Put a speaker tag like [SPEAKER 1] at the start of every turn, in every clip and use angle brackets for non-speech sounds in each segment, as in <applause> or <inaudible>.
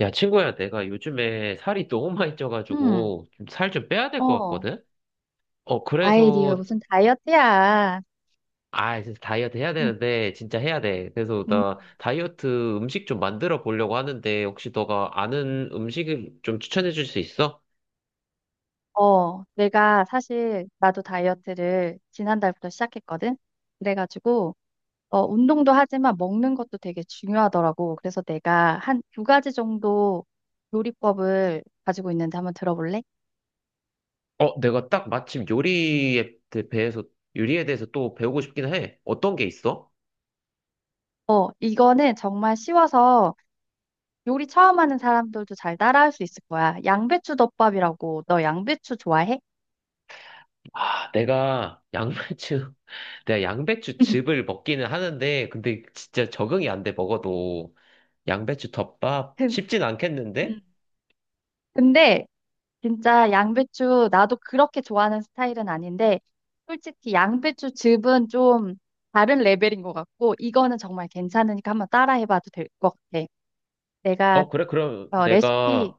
[SPEAKER 1] 야, 친구야, 내가 요즘에 살이 너무 많이
[SPEAKER 2] 응,
[SPEAKER 1] 쪄가지고 좀 살 좀 빼야 될 것
[SPEAKER 2] 어,
[SPEAKER 1] 같거든? 어,
[SPEAKER 2] 아이, 네가
[SPEAKER 1] 그래서,
[SPEAKER 2] 무슨 다이어트야.
[SPEAKER 1] 아, 진짜 다이어트 해야
[SPEAKER 2] 음,
[SPEAKER 1] 되는데, 진짜 해야 돼. 그래서
[SPEAKER 2] 음,
[SPEAKER 1] 나 다이어트 음식 좀 만들어 보려고 하는데, 혹시 너가 아는 음식을 좀 추천해 줄 수 있어?
[SPEAKER 2] 내가 사실 나도 다이어트를 지난달부터 시작했거든. 그래가지고 운동도 하지만 먹는 것도 되게 중요하더라고. 그래서 내가 한 두 가지 정도 요리법을 가지고 있는데 한번 들어볼래?
[SPEAKER 1] 어, 내가 딱 마침 해서 요리에 대해서 또 배우고 싶긴 해. 어떤 게 있어?
[SPEAKER 2] 이거는 정말 쉬워서 요리 처음 하는 사람들도 잘 따라할 수 있을 거야. 양배추 덮밥이라고 너 양배추 좋아해?
[SPEAKER 1] 아, 내가 양배추
[SPEAKER 2] <laughs>
[SPEAKER 1] 즙을 먹기는 하는데, 근데 진짜 적응이 안 돼, 먹어도. 양배추 덮밥?
[SPEAKER 2] 근-
[SPEAKER 1] 쉽진 않겠는데?
[SPEAKER 2] 음. 근데 진짜 양배추 나도 그렇게 좋아하는 스타일은 아닌데 솔직히 양배추 즙은 좀 다른 레벨인 것 같고 이거는 정말 괜찮으니까 한번 따라해봐도 될 것 같아. 내가
[SPEAKER 1] 어, 그래, 그럼
[SPEAKER 2] 어, 레시피
[SPEAKER 1] 내가,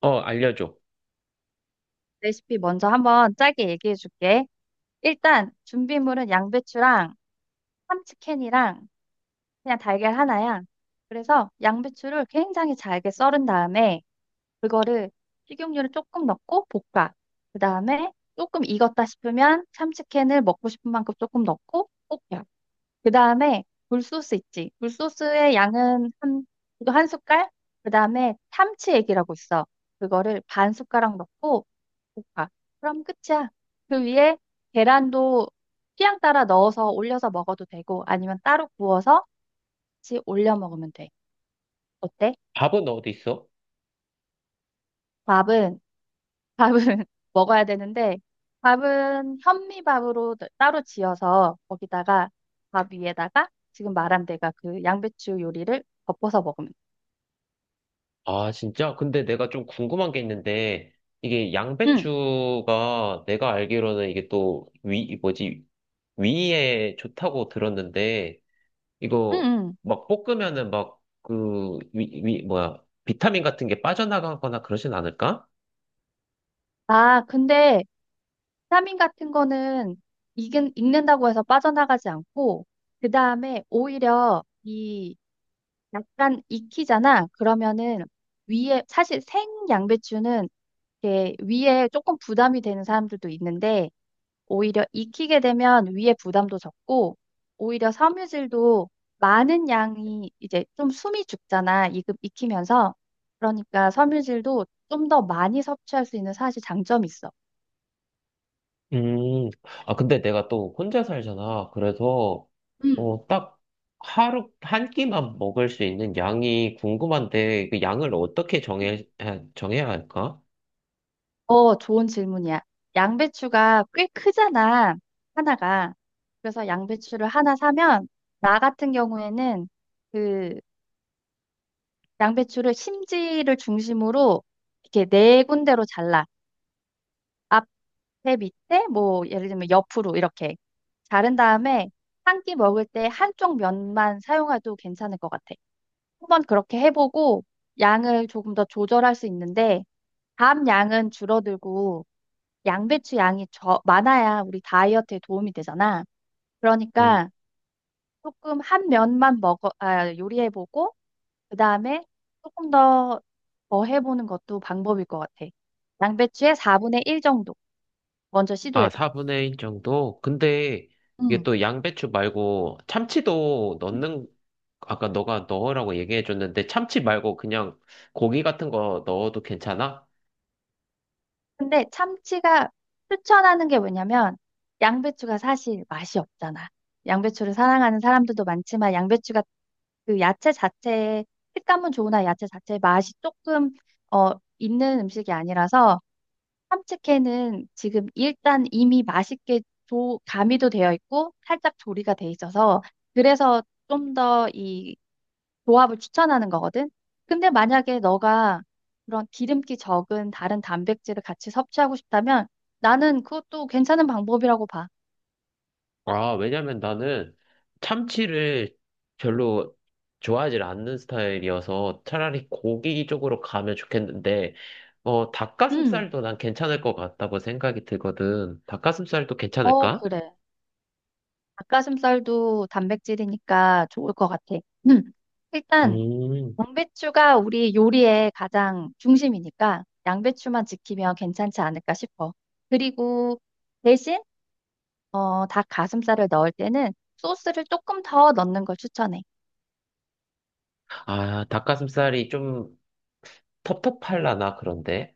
[SPEAKER 1] 어, 알려줘.
[SPEAKER 2] 레시피 먼저 한번 짧게 얘기해줄게. 일단 준비물은 양배추랑 참치캔이랑 그냥 달걀 하나야. 그래서 양배추를 굉장히 잘게 썰은 다음에 그거를 식용유를 조금 넣고 볶아. 그 다음에 조금 익었다 싶으면 참치캔을 먹고 싶은 만큼 조금 넣고 볶아. 그 다음에 굴소스 있지. 굴소스의 양은 한, 이거 한 숟갈? 그 다음에 참치액이라고 있어. 그거를 반 숟가락 넣고 볶아. 그럼 끝이야. 그 위에 계란도 취향 따라 넣어서 올려서 먹어도 되고 아니면 따로 구워서 같이 올려 먹으면 돼. 어때?
[SPEAKER 1] 밥은 어디 있어?
[SPEAKER 2] 밥은 밥은 <laughs> 먹어야 되는데 밥은 현미밥으로 따로 지어서 거기다가 밥 위에다가 지금 말한 데가 그 양배추 요리를 덮어서 먹으면 돼.
[SPEAKER 1] 아, 진짜? 근데 내가 좀 궁금한 게 있는데, 이게
[SPEAKER 2] 응,
[SPEAKER 1] 양배추가 내가 알기로는 이게 또 위, 뭐지, 위에 좋다고 들었는데,
[SPEAKER 2] 응,
[SPEAKER 1] 이거
[SPEAKER 2] 응.
[SPEAKER 1] 막 볶으면은 막 그, 뭐야, 비타민 같은 게 빠져나가거나 그러진 않을까?
[SPEAKER 2] 아, 근데 비타민 같은 거는 익는다고 해서 빠져나가지 않고 그 다음에 오히려 이 약간 익히잖아. 그러면은 위에 사실 생 양배추는 이렇게 위에 조금 부담이 되는 사람들도 있는데 오히려 익히게 되면 위에 부담도 적고, 오히려 섬유질도 많은 양이 이제 좀 숨이 죽잖아. 익히면서. 그러니까 섬유질도 좀 더 많이 섭취할 수 있는 사실 장점이 있어.
[SPEAKER 1] 음, 아, 근데 내가 또 혼자 살잖아. 그래서,
[SPEAKER 2] 음.
[SPEAKER 1] 어, 딱 하루, 한 끼만 먹을 수 있는 양이 궁금한데, 그 양을 어떻게 정해야 할까?
[SPEAKER 2] 좋은 질문이야. 양배추가 꽤 크잖아, 하나가. 그래서 양배추를 하나 사면, 나 같은 경우에는 그 양배추를 심지를 중심으로 이렇게 네 군데로 잘라. 앞에 밑에 뭐 예를 들면 옆으로 이렇게 자른 다음에 한 끼 먹을 때 한쪽 면만 사용해도 괜찮을 것 같아. 한번 그렇게 해보고 양을 조금 더 조절할 수 있는데 다음 양은 줄어들고 양배추 양이 많아야 우리 다이어트에 도움이 되잖아.
[SPEAKER 1] 음.
[SPEAKER 2] 그러니까 조금 한 면만 먹어, 아, 요리해보고 그 다음에 조금 더 더 해보는 것도 방법일 것 같아. 양배추의 4분의 1 정도. 먼저
[SPEAKER 1] 아,
[SPEAKER 2] 시도해봐.
[SPEAKER 1] 4분의 1 정도? 근데 이게
[SPEAKER 2] 응.
[SPEAKER 1] 또 양배추 말고 참치도 넣는, 아까 너가 넣으라고 얘기해줬는데, 참치 말고 그냥 고기 같은 거 넣어도 괜찮아?
[SPEAKER 2] 근데 참치가 추천하는 게 뭐냐면 양배추가 사실 맛이 없잖아. 양배추를 사랑하는 사람들도 많지만 양배추가 그 야채 자체의 식감은 좋으나 야채 자체의 맛이 조금 어 있는 음식이 아니라서 참치캔은 지금 일단 이미 맛있게 가미도 되어 있고 살짝 조리가 돼 있어서 그래서 좀 더 이 조합을 추천하는 거거든. 근데 만약에 너가 그런 기름기 적은 다른 단백질을 같이 섭취하고 싶다면 나는 그것도 괜찮은 방법이라고 봐.
[SPEAKER 1] 아, 왜냐면 나는 참치를 별로 좋아하지 않는 스타일이어서 차라리 고기 쪽으로 가면 좋겠는데, 어,
[SPEAKER 2] 음,
[SPEAKER 1] 닭가슴살도 난 괜찮을 것 같다고 생각이 들거든. 닭가슴살도 괜찮을까?
[SPEAKER 2] 그래. 닭가슴살도 단백질이니까 좋을 것 같아. 음, 일단
[SPEAKER 1] 음,
[SPEAKER 2] 양배추가 우리 요리의 가장 중심이니까 양배추만 지키면 괜찮지 않을까 싶어. 그리고 대신 닭가슴살을 넣을 때는 소스를 조금 더 넣는 걸 추천해.
[SPEAKER 1] 아, 닭가슴살이 좀 텁텁할라나, 그런데.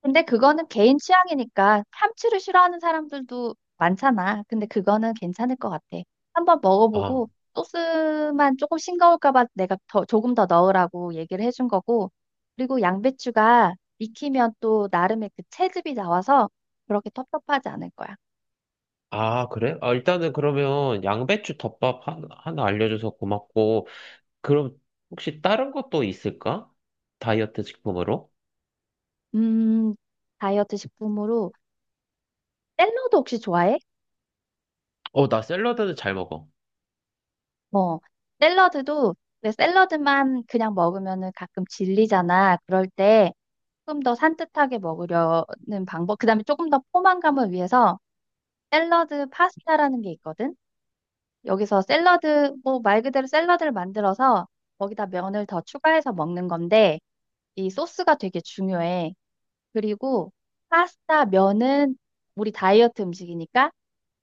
[SPEAKER 2] 근데 그거는 개인 취향이니까 참치를 싫어하는 사람들도 많잖아. 근데 그거는 괜찮을 것 같아. 한번
[SPEAKER 1] 아,
[SPEAKER 2] 먹어보고 소스만 조금 싱거울까 봐 내가 더, 조금 더 넣으라고 얘기를 해준 거고. 그리고 양배추가 익히면 또 나름의 그 채즙이 나와서 그렇게 텁텁하지 않을 거야.
[SPEAKER 1] 아, 그래? 아, 일단은 그러면 양배추 덮밥 하나 알려줘서 고맙고, 그럼 혹시 다른 것도 있을까? 다이어트 식품으로?
[SPEAKER 2] 음, 다이어트 식품으로 샐러드 혹시 좋아해?
[SPEAKER 1] 어, 나 샐러드는 잘 먹어.
[SPEAKER 2] 어, 샐러드도 근데 샐러드만 그냥 먹으면은 가끔 질리잖아. 그럴 때 조금 더 산뜻하게 먹으려는 방법. 그다음에 조금 더 포만감을 위해서 샐러드 파스타라는 게 있거든. 여기서 샐러드, 뭐 말 그대로 샐러드를 만들어서 거기다 면을 더 추가해서 먹는 건데 이 소스가 되게 중요해. 그리고 파스타 면은 우리 다이어트 음식이니까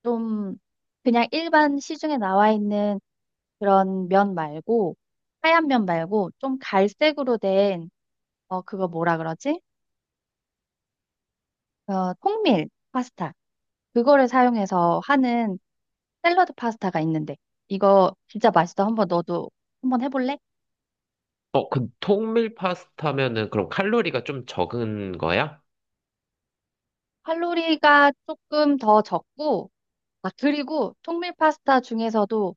[SPEAKER 2] 좀 그냥 일반 시중에 나와 있는 그런 면 말고 하얀 면 말고 좀 갈색으로 된 그거 뭐라 그러지? 통밀 파스타. 그거를 사용해서 하는 샐러드 파스타가 있는데, 이거 진짜 맛있어. 한번 너도 한번 해볼래?
[SPEAKER 1] 어, 그 통밀 파스타면은 그럼 칼로리가 좀 적은 거야?
[SPEAKER 2] 칼로리가 조금 더 적고, 아, 그리고 통밀 파스타 중에서도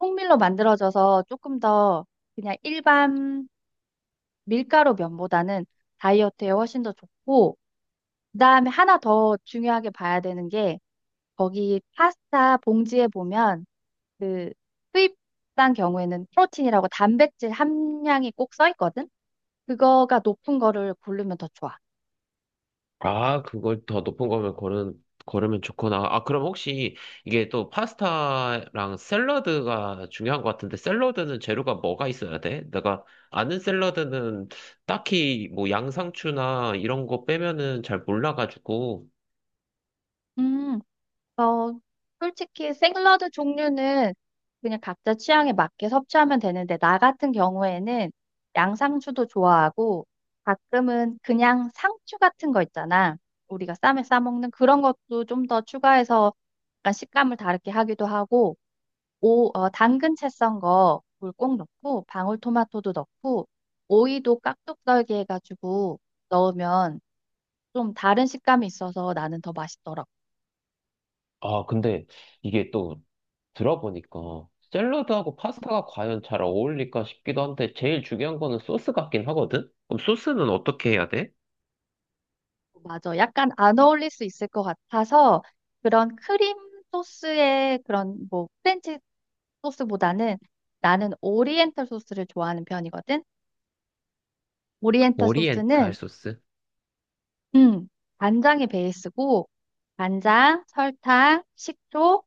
[SPEAKER 2] 통밀로 만들어져서 조금 더 그냥 일반 밀가루 면보다는 다이어트에 훨씬 더 좋고, 그다음에 하나 더 중요하게 봐야 되는 게 거기 파스타 봉지에 보면 그 수입산 경우에는 프로틴이라고 단백질 함량이 꼭 써 있거든? 그거가 높은 거를 고르면 더 좋아.
[SPEAKER 1] 아, 그걸 더 높은 거면 고르면 좋구나. 아, 그럼 혹시 이게 또 파스타랑 샐러드가 중요한 것 같은데 샐러드는 재료가 뭐가 있어야 돼? 내가 아는 샐러드는 딱히 뭐 양상추나 이런 거 빼면은 잘 몰라가지고.
[SPEAKER 2] 음, 어, 솔직히 샐러드 종류는 그냥 각자 취향에 맞게 섭취하면 되는데, 나 같은 경우에는 양상추도 좋아하고, 가끔은 그냥 상추 같은 거 있잖아. 우리가 쌈에 싸먹는 그런 것도 좀 더 추가해서 약간 식감을 다르게 하기도 하고, 오, 당근 채 썬 거 물 꼭 넣고 방울토마토도 넣고 오이도 깍둑 썰기 해가지고 넣으면 좀 다른 식감이 있어서 나는 더 맛있더라고.
[SPEAKER 1] 아, 근데 이게 또 들어보니까 샐러드하고 파스타가 과연 잘 어울릴까 싶기도 한데 제일 중요한 거는 소스 같긴 하거든? 그럼 소스는 어떻게 해야 돼?
[SPEAKER 2] 맞아. 약간 안 어울릴 수 있을 것 같아서 그런 크림 소스의 그런 뭐 프렌치 소스보다는 나는 오리엔탈 소스를 좋아하는 편이거든. 오리엔탈
[SPEAKER 1] 오리엔탈
[SPEAKER 2] 소스는
[SPEAKER 1] 소스?
[SPEAKER 2] 음, 간장이 베이스고 간장, 설탕, 식초,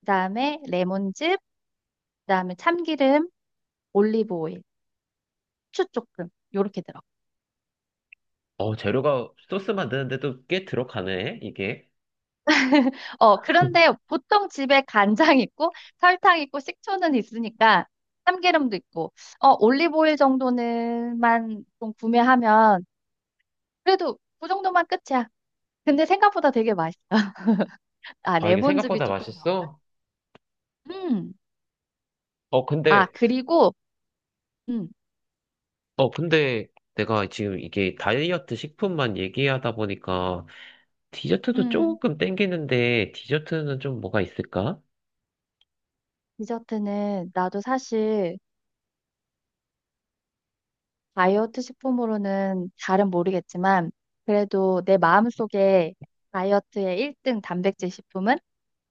[SPEAKER 2] 그다음에 레몬즙 그다음에 참기름, 올리브 오일, 후추 조금 요렇게 들어.
[SPEAKER 1] 어, 재료가 소스 만드는데도 꽤 들어가네, 이게.
[SPEAKER 2] 그런데
[SPEAKER 1] <laughs>
[SPEAKER 2] 보통 집에 간장 있고 설탕 있고 식초는 있으니까 참기름도 있고 올리브 오일 정도는만 좀 구매하면 그래도 그 정도만 끝이야. 근데 생각보다 되게 맛있어. <laughs> 아,
[SPEAKER 1] 아, 이게
[SPEAKER 2] 레몬즙이
[SPEAKER 1] 생각보다
[SPEAKER 2] 조금 더.
[SPEAKER 1] 맛있어?
[SPEAKER 2] 음.
[SPEAKER 1] 어,
[SPEAKER 2] 아,
[SPEAKER 1] 근데,
[SPEAKER 2] 그리고 음.
[SPEAKER 1] 어, 근데 내가 지금 이게 다이어트 식품만 얘기하다 보니까 디저트도
[SPEAKER 2] 음.
[SPEAKER 1] 조금 땡기는데 디저트는 좀 뭐가 있을까?
[SPEAKER 2] 디저트는 나도 사실 다이어트 식품으로는 잘은 모르겠지만, 그래도 내 마음속에 다이어트의 1등 단백질 식품은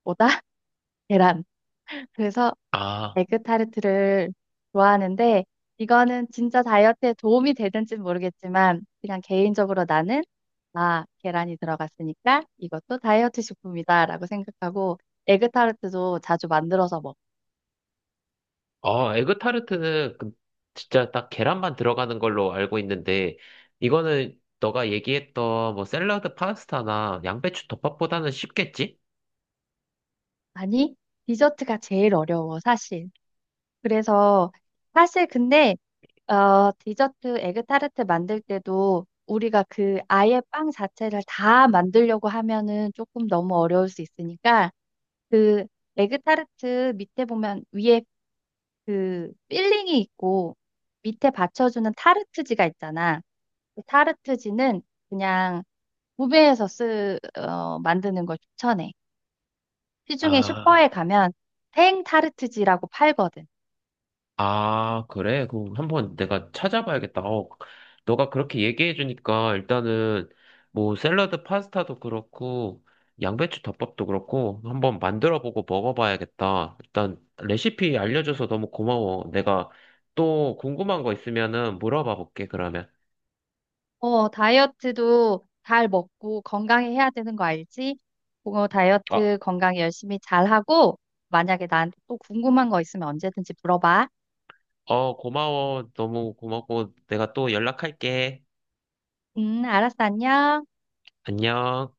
[SPEAKER 2] 뭐다? <laughs> 계란. 그래서
[SPEAKER 1] 아,
[SPEAKER 2] 에그타르트를 좋아하는데, 이거는 진짜 다이어트에 도움이 되는지는 모르겠지만, 그냥 개인적으로 나는, 아, 계란이 들어갔으니까 이것도 다이어트 식품이다라고 생각하고, 에그타르트도 자주 만들어서 먹.
[SPEAKER 1] 어, 에그타르트는 진짜 딱 계란만 들어가는 걸로 알고 있는데, 이거는 너가 얘기했던 뭐 샐러드 파스타나 양배추 덮밥보다는 쉽겠지?
[SPEAKER 2] 아니, 디저트가 제일 어려워, 사실. 그래서 사실 근데 디저트 에그타르트 만들 때도 우리가 그 아예 빵 자체를 다 만들려고 하면은 조금 너무 어려울 수 있으니까 그 에그타르트 밑에 보면 위에 그 필링이 있고 밑에 받쳐주는 타르트지가 있잖아. 그 타르트지는 그냥 구매해서 만드는 걸 추천해. 시중에 슈퍼에
[SPEAKER 1] 아,
[SPEAKER 2] 가면 생 타르트지라고 팔거든.
[SPEAKER 1] 아, 그래? 그럼 한번 내가 찾아봐야겠다. 어, 너가 그렇게 얘기해주니까 일단은 뭐 샐러드 파스타도 그렇고, 양배추 덮밥도 그렇고, 한번 만들어보고 먹어봐야겠다. 일단 레시피 알려줘서 너무 고마워. 내가 또 궁금한 거 있으면은 물어봐 볼게, 그러면.
[SPEAKER 2] 다이어트도 잘 먹고 건강히 해야 되는 거 알지? 그거
[SPEAKER 1] 어,
[SPEAKER 2] 다이어트 건강 열심히 잘하고, 만약에 나한테 또 궁금한 거 있으면 언제든지 물어봐.
[SPEAKER 1] 어, 고마워. 너무 고맙고, 내가 또 연락할게.
[SPEAKER 2] 알았어, 안녕.
[SPEAKER 1] 안녕.